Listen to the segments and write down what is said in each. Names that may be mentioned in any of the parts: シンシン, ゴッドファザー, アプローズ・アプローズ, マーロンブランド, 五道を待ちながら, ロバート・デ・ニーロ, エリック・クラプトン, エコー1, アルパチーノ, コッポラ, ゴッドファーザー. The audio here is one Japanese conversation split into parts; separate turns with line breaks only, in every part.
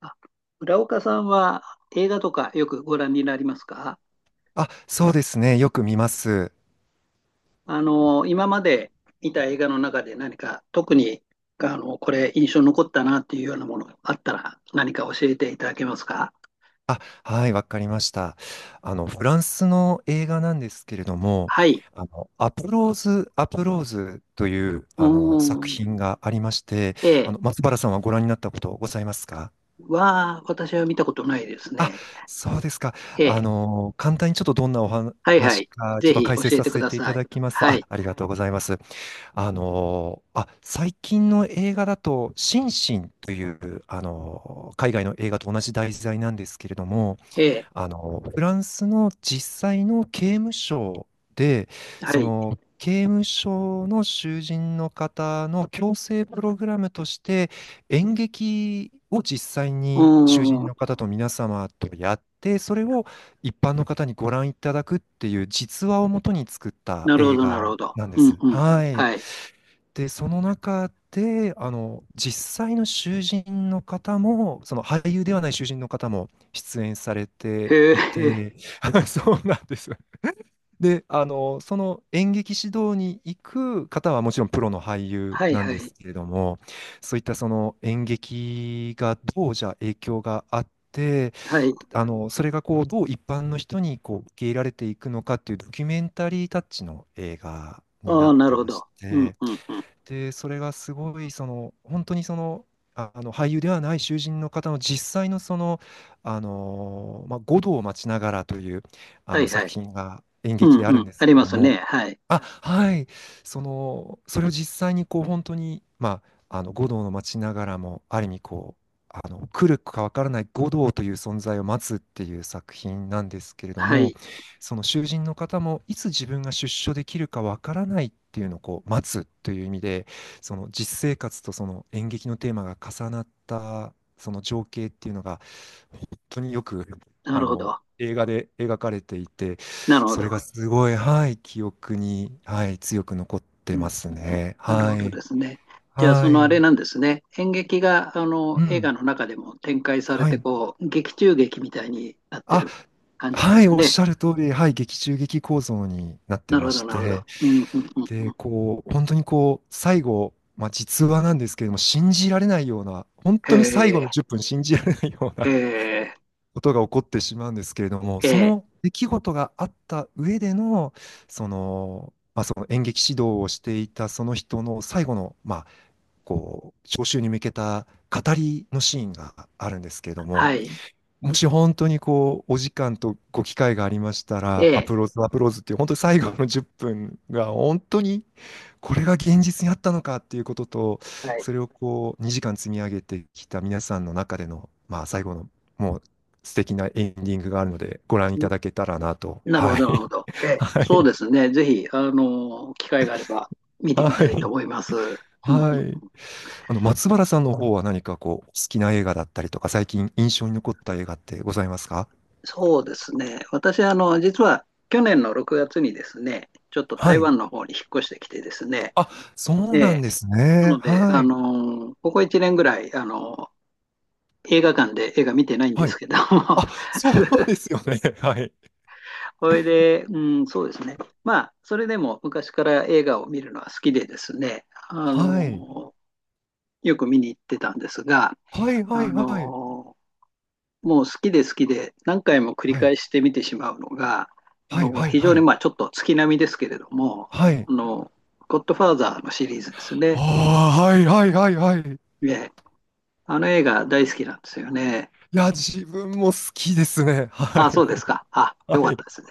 あ浦岡さんは映画とかよくご覧になりますか？
あ、そうですね。よく見ます。
あの、今まで見た映画の中で何か特に、あの、これ印象に残ったなっていうようなものがあったら何か教えていただけますか？
あ、はい、わかりました。フランスの映画なんですけれども、
はい。
アプローズ・アプローズという、
う
作
ーん。
品がありまして、
A。
松原さんはご覧になったことございますか？
は私は見たことないです
あ、
ね。
そうですか。
A。
簡単にちょっとどんなお
はいは
話
い。
か、ちょっ
ぜ
と
ひ
解
教
説
え
さ
てく
せ
だ
てい
さ
た
い。
だきますと、
は
あ、
い。
ありがとうございます。最近の映画だと、シンシンという、海外の映画と同じ題材なんですけれども、
A。
フランスの実際の刑務所で、
は
そ
い。
の、刑務所の囚人の方の矯正プログラムとして、演劇を実際
う
に囚人
ーん。
の方と皆様とやって、それを一般の方にご覧いただくっていう実話をもとに作った
なるほ
映
ど、なる
画
ほど。
なんで
うんう
す。
ん。
はい。
はい。
で、その中で、実際の囚人の方も、その俳優ではない囚人の方も出演されて
へ
い
え。
て、そうなんです。で、その演劇指導に行く方はもちろんプロの俳優
はい
なん
は
で
い。
すけれども、そういったその演劇がどうじゃあ影響があって、
はい。
それがこう、どう一般の人にこう受け入れられていくのかっていうドキュメンタリータッチの映画にな
あ
っ
あ、なる
て
ほ
まし
ど。うん、
て、
うん、うん。
で、それがすごい、その、本当にその、あの俳優ではない囚人の方の実際のその、五道を待ちながらという
はいは
作
い。
品が演
う
劇
ん、
であ
う
る
ん。
んです
あり
けれ
ま
ど
すね。
も、
はい。
あ、はい、その、それを実際にこう本当に、まあ、五道の待ちながらも、ある意味こう、来るかわからない五道という存在を待つっていう作品なんですけれど
は
も、
い。
その囚人の方もいつ自分が出所できるかわからないっていうのをこう待つという意味でその実生活とその演劇のテーマが重なったその情景っていうのが本当によく
なるほど。
映画で描かれていて
なるほ
それ
ど。
がすごい、はい、記憶に、はい、強く残っ
う
て
ん、う
ま
ん、
す
うん。
ね。
なる
は
ほど
い。
ですね。じゃあ、そ
は
のあ
い。
れなんですね。演劇が、あの、
う
映画
ん。
の中でも展開され
は
て、
い。
こう、劇中劇みたいになって
あ、
る感じなんです
はい、
か
おっ
ね？
しゃる通り、はい、劇中劇構造になって
なる
ま
ほ
し
ど、なるほど。
て、
うん、うん、うん。う
で、
ん。
こう、本当にこう、最後、まあ、実話なんですけれども、信じられないような、本
へ
当に最後
え、
の10分信じられないよう
へ
な
え、
ことが起こってしまうんですけれども、
え
そ
え、
の出来事があった上での、その、まあ、その演劇指導をしていたその人の最後の、まあ、こう、招集に向けた語りのシーンがあるんですけれども、
はい。
もし本当にこう、お時間とご機会がありました
え
ら、ア
え、
プローズ、アプローズっていう、本当に最後の10分が、本当にこれが現実にあったのかっていうことと、
はい。
それをこう、2時間積み上げてきた皆さんの中での、まあ、最後の、もう素敵なエンディングがあるので、ご覧いただけたらなと。
なるほ
は
ど、なるほ
い。
ど。え え、
は
そう
い。
ですね。ぜひ、あの、機会があれば見てみ
は
たいと
い。
思います。うんう
は
ん、
い。松原さんの方は何かこう、好きな映画だったりとか、最近印象に残った映画ってございますか？
そうですね。私、あの、実は去年の6月にですね、ちょっと
は
台
い。
湾の方に引っ越してきてですね、
あ、そう
え
な
え、
んです
な
ね。
ので、
は
あ
い。
の、ここ1年ぐらい、あの、映画館で映画見てないんで
は
す
い。
けども、
あ、そうですよね。はい。
それで、うん、そうですね。まあ、それでも昔から映画を見るのは好きでですね、あ
はい。
の、よく見に行ってたんですが、
はいはい
あ
はい。
の、もう好きで好きで何回も繰り
はい。
返して見てしまうのが、あ
はい
の
はい
非常
は
に
い。
まあちょっと月並みですけれども、
はい。
あの、ゴッドファーザーのシリーズですね。
ああ、はいはいはいはい。
で、あの映画大好きなんですよね。
いや、自分も好きですね。は
あ、そ
い。
うですか。あ、
は
よかっ
い。
たですね。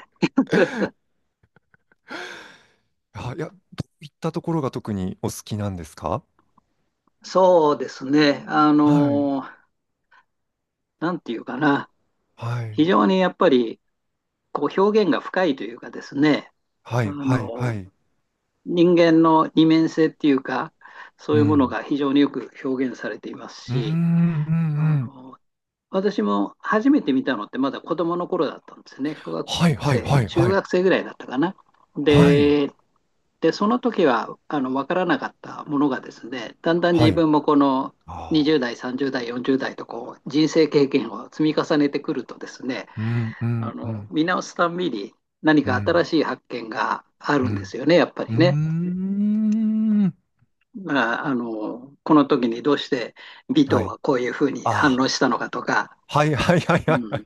あ、いや、どういったところが特にお好きなんですか？
そうですね。あ
はい。
の、なんていうかな。
はい。
非常にやっぱりこう表現が深いというかですね、
は
あ
いはいは
の、
い。
人間の二面性っていうか、そう
う
いうもの
ん。
が非常によく表現されています
うーん、う
し、
ん
あ
うん。
の私も初めて見たのってまだ子供の頃だったんですね。小学
はいはい
生、
はい
中
はい。
学生ぐらいだったかな。
はい。
で、で、その時はあの分からなかったものがですね、だんだん
は
自
い。
分もこの
あ
20
あ。
代、30代、40代とこう人生経験を積み重ねてくるとですね、
うんう
あ
んう
の
ん。
見直すたんびに何
う
か新
ん。
しい発見があ
う
るんで
ん。
すよね、やっぱ
う
りね。
ーん。
まあ、あのこの時にどうして尾藤
はい。
はこういうふうに反
あ
応したのかとか、
あ、はいはいはい
う
はいはい。
ん、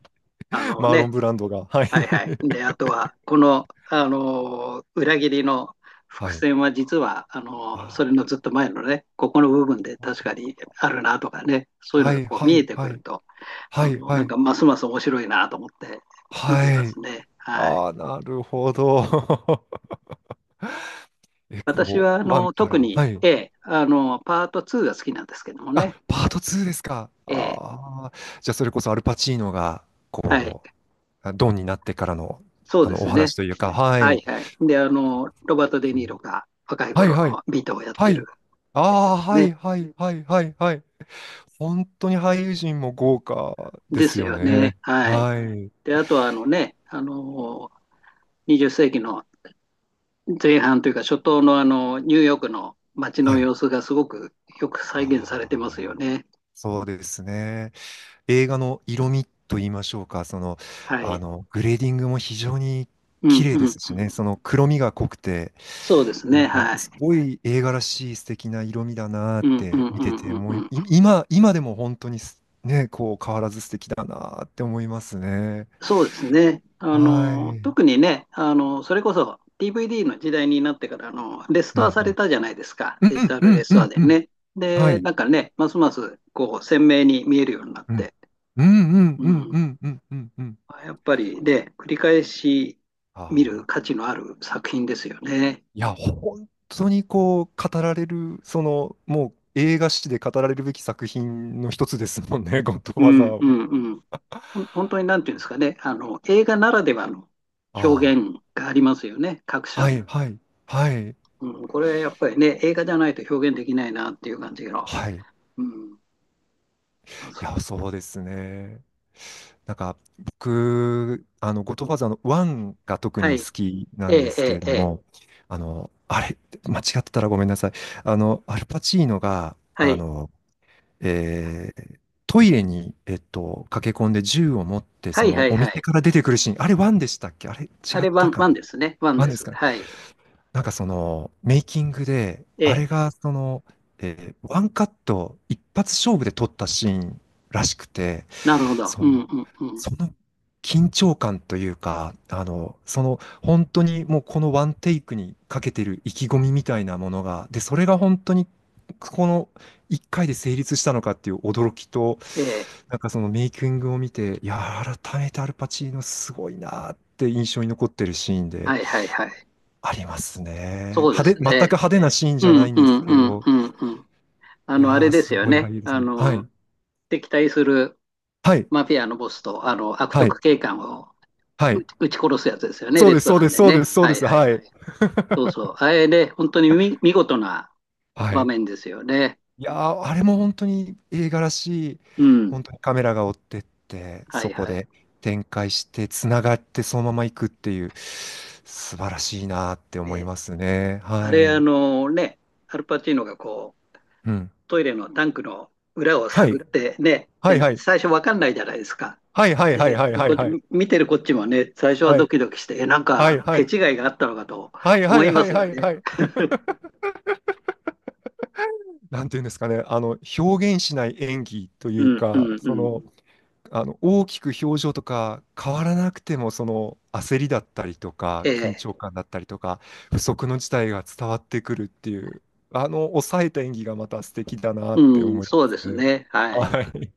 あ の
マーロン
ね、
ブランドが。はい。
はいはい。で、あとは、この、あのー裏切りの
は
伏
い。
線は実は、あのーそれ
あ
のずっと前のね、ここの部分で確かにあるなとかね、そう
あ、
いうの
は
が
い
こう
は
見え
い
てく
は
る
い。
と、あ
はい
のー
は
なん
い。
かますます面白いなと思って見てい
は
ます
い。
ね。はい。
ああ、なるほど。エ
私
コ
は、あ
ー1
のー
か
特
ら。
に
はい。
A、あのーパート2が好きなんですけども
あ、
ね。
パート2ですか。
A、
ああ、じゃあそれこそアルパチーノが、
はい。
こう、ドンになってからの、
そうで
お
すね。
話というか、は
は
い。
いはい。で、あのーロバート・デ・ニーロが若い
はい
頃
はい。
のビートをやっ
は
てる
い。あ
やつで
あ、
す
はい
ね。
はいはいはいはい。本当に俳優陣も豪華で
で
す
す
よ
よね。
ね。
はい。
はい。
で、あとはあのね、あのー、20世紀の前半というか初頭のあの、ニューヨークの街
は
の
い。
様子がすごくよく再現されて
ああ、
ますよね。
そうですね。映画の色味と言いましょうか、その、
はい。
グレーディングも非常に
う
綺
ん
麗
うん
で
うん。
すしね、その黒みが濃くて、
そうです
な
ね。
んか、
は
す
い。
ごい映画らしい素敵な色味だなーっ
うんう
て
ん
見
う
てて、
ん
も
う
う
んう
い
ん。
今、今でも本当にすね、こう変わらず素敵だなーって思いますね。
そうですね。あ
は
の、
い。
特にね、あの、それこそ DVD の時代になってから、あの、レス
う
トアされ
ん
たじゃないですか。
うん。う
デジ
ん
タル
う
レ
ん
ス
う
トア
ん
で
うんうん。
ね。
は
で、
い。
なんかね、ますますこう鮮明に見えるようになっ
うん。
て。
うんうん
う
うんう
ん
んうんうんうん。
あやっぱりね、繰り返し見る
ああ、
価値のある作品ですよね。
いや、本当にこう、語られる、その、もう映画史で語られるべき作品の一つですもんね、ゴッドフ
う
ァザー
ん、う
は。
ん、うん。本当になんていうんですかね、あの、映画ならではの表
あ
現がありますよね、各
あ、
所
はい、
に。
はい、はい、
うん、これはやっぱりね、映画じゃないと表現できないなっていう感じの。
はい。い
うん。あそ
や、そうですね。なんか、僕、ゴッドファザーの1が特
は
に好
い。
きな
え
んで
え、え
すけ
え、
れど
ええ。
も、あの、あれ、間違ってたらごめんなさい。アルパチーノが、
はい。
えートイレに、駆け込んで銃を持って、
は
そ
い、
の
はい、
お
はい。
店から出てくるシーン、あれワンでしたっけあれ違
あ
っ
れ、ワ
た
ン、
か
ワン
な
ですね。ワン
ワン
で
です
す。
かね、
はい。
なんかそのメイキングで、
え
あれ
え。
がその、ワンカット一発勝負で撮ったシーンらしくて、
なるほど。
そ
うん、う
の、
ん、うん。
その緊張感というか、その本当にもうこのワンテイクにかけてる意気込みみたいなものが、で、それが本当にこの1回で成立したのかっていう驚きと、
ええ。
なんかそのメイキングを見て、いや、改めてアルパチーノすごいなって印象に残ってるシーンで
はい、はい、はい。
ありますね。
そうです
全く
ね。
派手なシーン
う
じゃな
ん、
いん
う
です
ん、
けれ
うん、
ど、
うん、うん。あ
い
の、あ
や
れ
ー、
です
す
よ
ごい
ね。
俳優です
あ
ね。は
の、
い。
敵対する
はい。
マフィアのボスと、あの、悪
はい。
徳警官を
はい。
撃ち殺すやつですよね、
そう
レ
で
ス
す、
ト
そう
ラ
で
ン
す、
で
そうで
ね。
す、そう
は
で
い
す。
はい。
はい。
そうそう。あれで、本当に見事な
は
場
い。
面ですよね。
いやー、あれも本当に映画らしい、
うん。
本当にカメラが追ってって、
は
そ
い
こ
はい。
で展開して、つながってそのまま行くっていう、素晴らしいなーって思い
ね、
ますね。
あ
は
れ、あ
い。
のね、アルパチーノがこう、
うん。
トイレのタンクの裏を
はい。
探ってね、
は
で
い
ね、
はい。
最初わかんないじゃないですか。
はいはいはい
で、
はい
で、
は
こ
い
っち、
はい。
見てるこっちもね、最初は
は
ド
い。
キドキして、え、なんか
は
あ
い
の
は
手
い。
違いがあったのかと
はいは
思
い
いま
はい
す
は
よ
い
ね。
はい。なんていうんですかね。表現しない演技と
う
いう
ん、う
か、
ん、う
そ
ん。
の、大きく表情とか変わらなくてもその焦りだったりとか
え
緊
え。
張感だったりとか不測の事態が伝わってくるっていう抑えた演技がまた素敵だなって
うん、
思いま
そうで
す
す
ね。
ね。はい。
はい。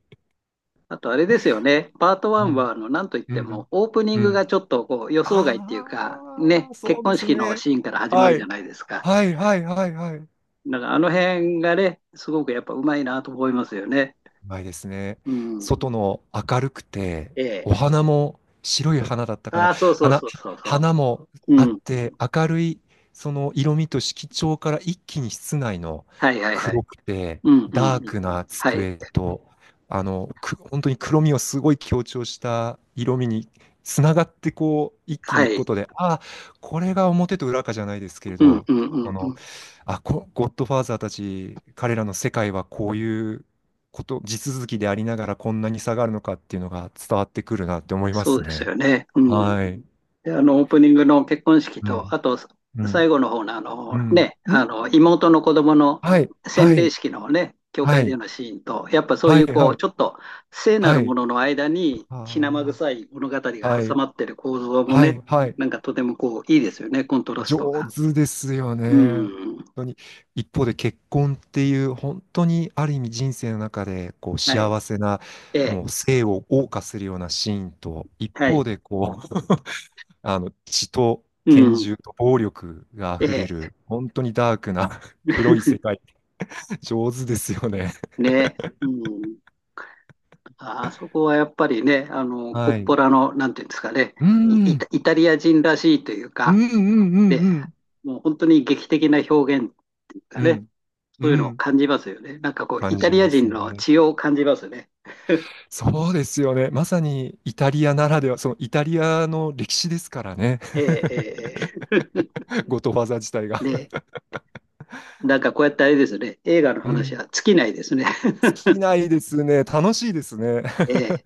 あとあれですよね。パート
う
1は、
ん。
あの、なんといっ
う
ても、
ん。
オープニン
う
グが
ん。
ちょっとこう予想外っていう
あ
か、ね、
あ、そ
結
うで
婚
す
式の
ね。
シーンから始ま
は
るじ
い。
ゃないですか。
はいはいはいはい。
だからあの辺がね、すごくやっぱうまいなと思いますよね。
ないですね。
うん。
外の明るくて、
え
お
え。
花も白い花だったか
あ
な。
あ、そうそう
花、
そうそうそ
花も
う。
あっ
うん。
て、明るいその色味と色調から一気に室内の
はいはいは
黒
い。
くて、
うんうんう
ダー
ん。
クな
はい。
机と、本当に黒みをすごい強調した色味につながってこう、一気に
は
いくこ
い。
とで、ああ、これが表と裏かじゃないですけれ
うん
ど、
うんう
こ
んう
の、
ん。
ゴッドファーザーたち、彼らの世界はこういうこと地続きでありながらこんなに下がるのかっていうのが伝わってくるなって思いま
そ
す
うです
ね。
よね。うん。
はい。
で、あの、オープニングの結婚式
う
と、
ん。
あと、
うん。
最後の方の、あ
う
の、
ん。
ね、
う
あ
ん。
の、妹の子供の
はい。は
洗礼
い。
式のね、教
は
会で
い。
のシーンと、やっぱそう
は
い
い。
う、こ
は
う、
い。
ちょっと聖な
は
る
い。
ものの間に、血生
あ
臭い物語
あ。
が
は
挟
い。
まってる構造も
はい。
ね、
はい。
なんかとてもこう、いいですよね、コントラスト
上
が。
手ですよ
う
ね。本
ん。
当に。一方で結婚っていう本当にある意味人生の中でこう
はい。
幸せな
え
も
え。
う生を謳歌するようなシーンと一
は
方
い。
でこあの、血と
う
拳
ん。
銃と暴力が
え
溢れ
え。
る、本当にダークな 黒い世 界、上手ですよね。
ね。うん。あそこはやっぱりね、あの、コッ
はい。う
ポ
ん、
ラの、なんていうんですかね、
う
イイ
ん、
タイタリア人らしいという
う
か、
ん、
で、
うん、
もう本当に劇的な表現が
う
ね、
ん、う
そういうのを
ん、
感じますよね。なんかこう、
感
イタ
じ
リ
ま
ア
す
人の
ね。
血を感じますね。
そうですよね。まさにイタリアならでは、そのイタリアの歴史ですからね。
えーえーえ
ゴトファーザー自体が。
ー で、なんかこうやってあれですね、映画の
う
話
ん。
は尽きないですね。
尽き ないですね。楽しいですね。
えー